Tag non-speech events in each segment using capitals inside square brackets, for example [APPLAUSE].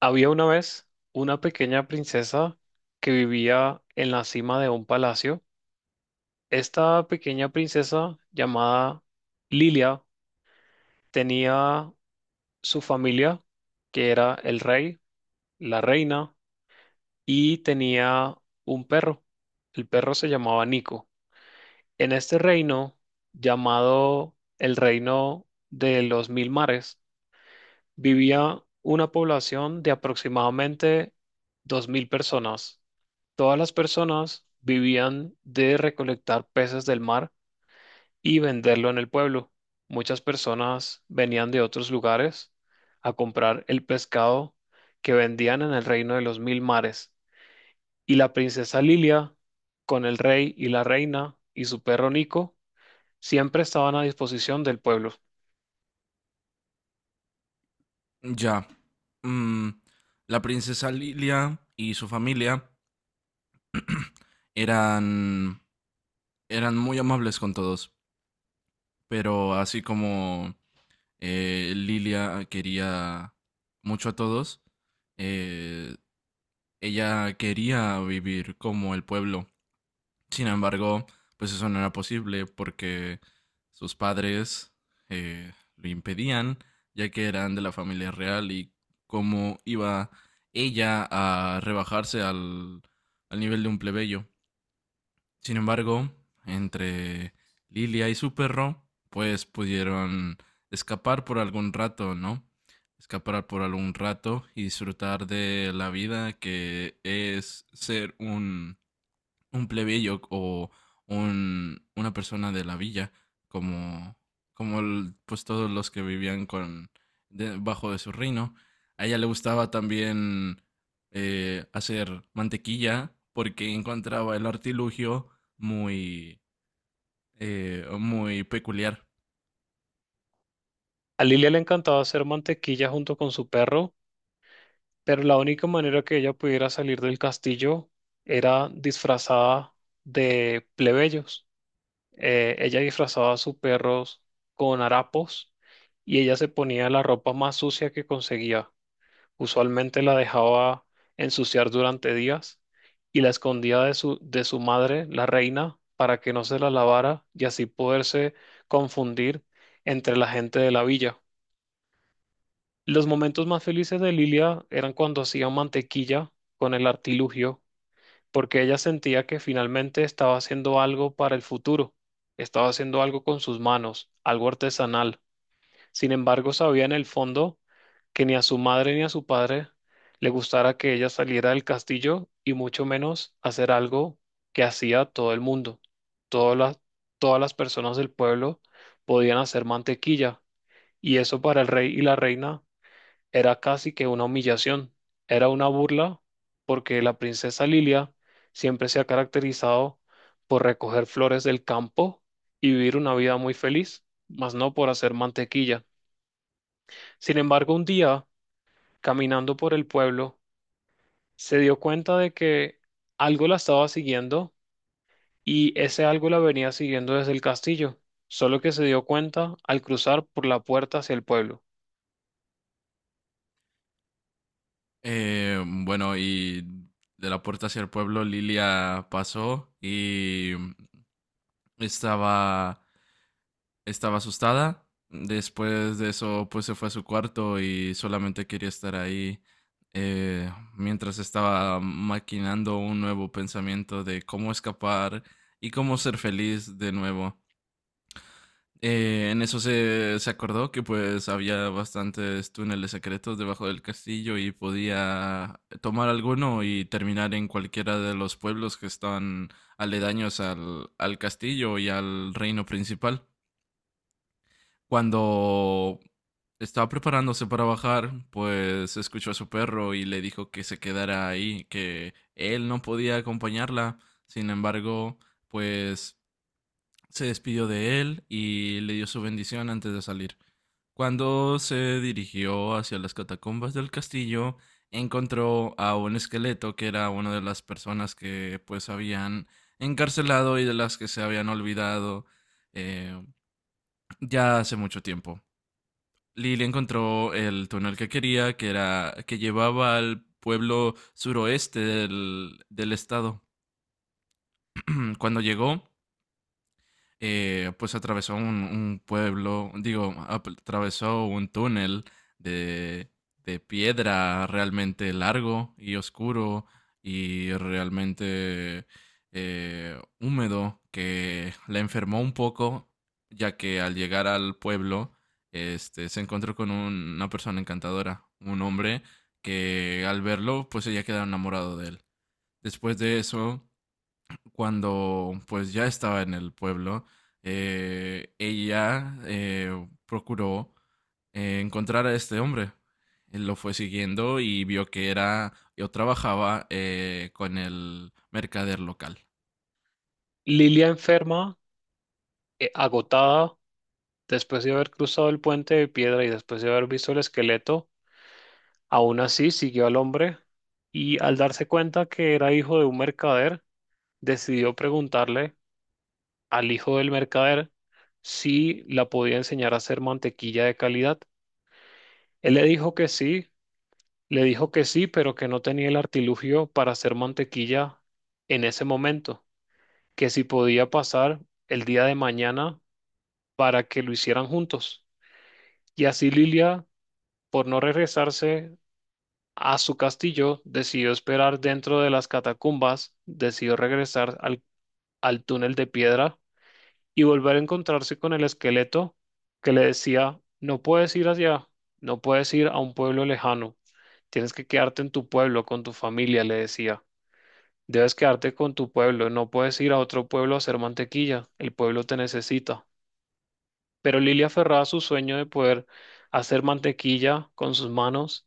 Había una vez una pequeña princesa que vivía en la cima de un palacio. Esta pequeña princesa llamada Lilia tenía su familia, que era el rey, la reina, y tenía un perro. El perro se llamaba Nico. En este reino, llamado el reino de los mil mares, vivía una población de aproximadamente 2000 personas. Todas las personas vivían de recolectar peces del mar y venderlo en el pueblo. Muchas personas venían de otros lugares a comprar el pescado que vendían en el reino de los mil mares. Y la princesa Lilia, con el rey y la reina y su perro Nico, siempre estaban a disposición del pueblo. Ya. Mm, la princesa Lilia y su familia eran, eran muy amables con todos, pero así como Lilia quería mucho a todos, eh, ella quería vivir como el pueblo. Sin embargo, pues eso no era posible porque sus padres lo impedían, ya que eran de la familia real y cómo iba ella a rebajarse al nivel de un plebeyo. Sin embargo, entre Lilia y su perro, pues pudieron escapar por algún rato, ¿no? Escapar por algún rato y disfrutar de la vida que es ser un plebeyo o una persona de la villa, como, como pues todos los que vivían con, de- bajo de su reino. A ella le gustaba también hacer mantequilla porque encontraba el artilugio muy, muy peculiar. A Lilia le encantaba hacer mantequilla junto con su perro, pero la única manera que ella pudiera salir del castillo era disfrazada de plebeyos. Ella disfrazaba a sus perros con harapos y ella se ponía la ropa más sucia que conseguía. Usualmente la dejaba ensuciar durante días y la escondía de su madre, la reina, para que no se la lavara y así poderse confundir entre la gente de la villa. Los momentos más felices de Lilia eran cuando hacía mantequilla con el artilugio, porque ella sentía que finalmente estaba haciendo algo para el futuro, estaba haciendo algo con sus manos, algo artesanal. Sin embargo, sabía en el fondo que ni a su madre ni a su padre le gustara que ella saliera del castillo, y mucho menos hacer algo que hacía todo el mundo. Todas las, todas las personas del pueblo podían hacer mantequilla, y eso para el rey y la reina era casi que una humillación, era una burla, porque la princesa Lilia siempre se ha caracterizado por recoger flores del campo y vivir una vida muy feliz, mas no por hacer mantequilla. Sin embargo, un día, caminando por el pueblo, se dio cuenta de que algo la estaba siguiendo, y ese algo la venía siguiendo desde el castillo, solo que se dio cuenta al cruzar por la puerta hacia el pueblo. Bueno, y de la puerta hacia el pueblo Lilia pasó y estaba estaba asustada. Después de eso, pues se fue a su cuarto y solamente quería estar ahí, eh, mientras estaba maquinando un nuevo pensamiento de cómo escapar y cómo ser feliz de nuevo. En eso se acordó que pues había bastantes túneles secretos debajo del castillo y podía tomar alguno y terminar en cualquiera de los pueblos que están aledaños al castillo y al reino principal. Cuando estaba preparándose para bajar, pues escuchó a su perro y le dijo que se quedara ahí, que él no podía acompañarla. Sin embargo, pues se despidió de él y le dio su bendición antes de salir. Cuando se dirigió hacia las catacumbas del castillo, encontró a un esqueleto que era una de las personas que pues habían encarcelado y de las que se habían olvidado, eh, ya hace mucho tiempo. Lily encontró el túnel que quería, que era que llevaba al pueblo suroeste del estado. Cuando llegó, pues atravesó un pueblo, digo, atravesó un túnel de, de piedra realmente largo y oscuro y realmente húmedo que la enfermó un poco, ya que al llegar al pueblo este, se encontró con una persona encantadora, un hombre que al verlo pues ella quedó enamorado de él. Después de eso, cuando pues ya estaba en el pueblo, ella procuró encontrar a este hombre. Él lo fue siguiendo y vio que era o trabajaba con el mercader local. Lilia enferma, agotada, después de haber cruzado el puente de piedra y después de haber visto el esqueleto, aún así siguió al hombre, y al darse cuenta que era hijo de un mercader, decidió preguntarle al hijo del mercader si la podía enseñar a hacer mantequilla de calidad. Él le dijo que sí, le dijo que sí, pero que no tenía el artilugio para hacer mantequilla en ese momento, que si podía pasar el día de mañana para que lo hicieran juntos. Y así Lilia, por no regresarse a su castillo, decidió esperar dentro de las catacumbas, decidió regresar al túnel de piedra y volver a encontrarse con el esqueleto, que le decía: no puedes ir allá, no puedes ir a un pueblo lejano, tienes que quedarte en tu pueblo, con tu familia, le decía. Debes quedarte con tu pueblo, no puedes ir a otro pueblo a hacer mantequilla, el pueblo te necesita. Pero Lilia, aferrada a su sueño de poder hacer mantequilla con sus manos,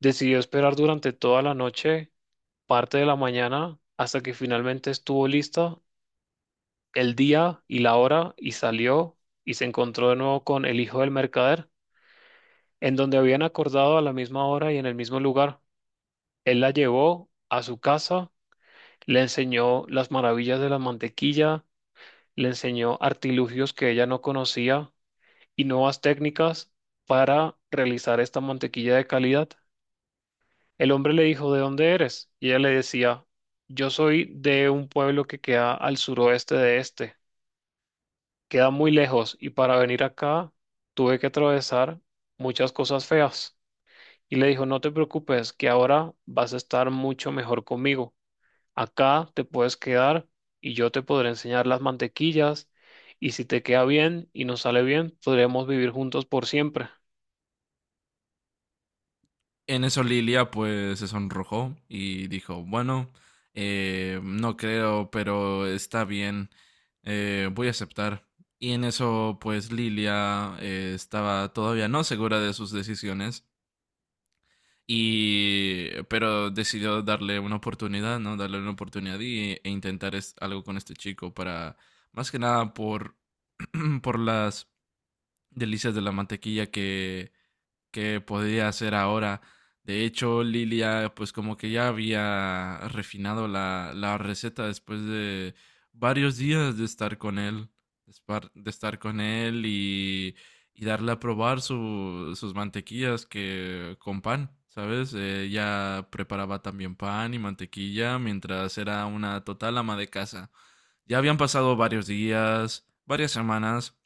decidió esperar durante toda la noche, parte de la mañana, hasta que finalmente estuvo lista el día y la hora, y salió y se encontró de nuevo con el hijo del mercader, en donde habían acordado, a la misma hora y en el mismo lugar. Él la llevó a su casa, le enseñó las maravillas de la mantequilla, le enseñó artilugios que ella no conocía y nuevas técnicas para realizar esta mantequilla de calidad. El hombre le dijo: ¿de dónde eres? Y ella le decía: yo soy de un pueblo que queda al suroeste de este, queda muy lejos y para venir acá tuve que atravesar muchas cosas feas. Y le dijo: no te preocupes, que ahora vas a estar mucho mejor conmigo. Acá te puedes quedar y yo te podré enseñar las mantequillas, y si te queda bien y nos sale bien, podremos vivir juntos por siempre. En eso Lilia pues se sonrojó y dijo, bueno, no creo, pero está bien, voy a aceptar. Y en eso pues Lilia estaba todavía no segura de sus decisiones. Y, pero decidió darle una oportunidad, ¿no? Darle una oportunidad y, e intentar algo con este chico para, más que nada por, [CLEARS THROAT] por las delicias de la mantequilla que podía hacer ahora. De hecho, Lilia, pues como que ya había refinado la receta después de varios días de estar con él, de de estar con él y darle a probar sus mantequillas que con pan, ¿sabes? Ella preparaba también pan y mantequilla mientras era una total ama de casa. Ya habían pasado varios días, varias semanas,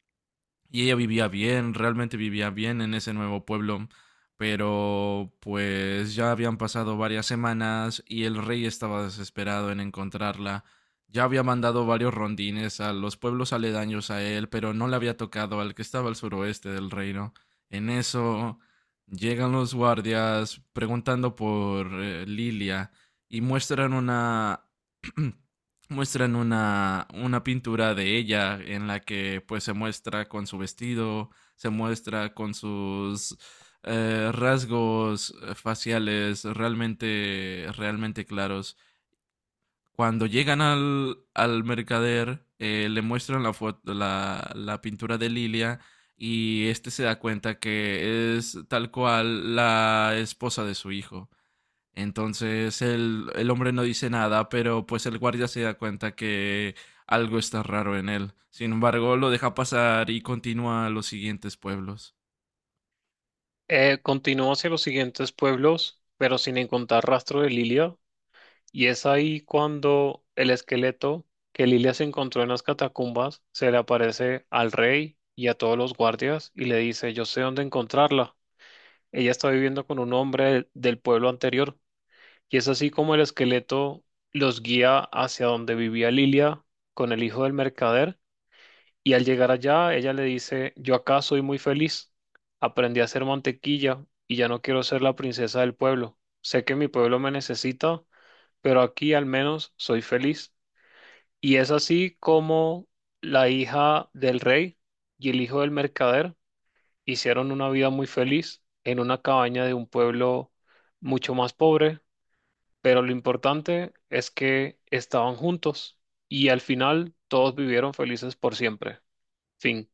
y ella vivía bien, realmente vivía bien en ese nuevo pueblo, pero pues ya habían pasado varias semanas y el rey estaba desesperado en encontrarla. Ya había mandado varios rondines a los pueblos aledaños a él, pero no le había tocado al que estaba al suroeste del reino. En eso llegan los guardias preguntando por Lilia y muestran una [CLEARS THROAT] muestran una pintura de ella en la que pues se muestra con su vestido, se muestra con sus rasgos faciales realmente claros. Cuando llegan al mercader, le muestran foto, la pintura de Lilia y este se da cuenta que es tal cual la esposa de su hijo. Entonces el hombre no dice nada, pero pues el guardia se da cuenta que algo está raro en él. Sin embargo, lo deja pasar y continúa a los siguientes pueblos. Continuó hacia los siguientes pueblos, pero sin encontrar rastro de Lilia. Y es ahí cuando el esqueleto que Lilia se encontró en las catacumbas se le aparece al rey y a todos los guardias y le dice: yo sé dónde encontrarla. Ella está viviendo con un hombre del pueblo anterior. Y es así como el esqueleto los guía hacia donde vivía Lilia con el hijo del mercader. Y al llegar allá, ella le dice: yo acá soy muy feliz. Aprendí a hacer mantequilla y ya no quiero ser la princesa del pueblo. Sé que mi pueblo me necesita, pero aquí al menos soy feliz. Y es así como la hija del rey y el hijo del mercader hicieron una vida muy feliz en una cabaña de un pueblo mucho más pobre, pero lo importante es que estaban juntos, y al final todos vivieron felices por siempre. Fin.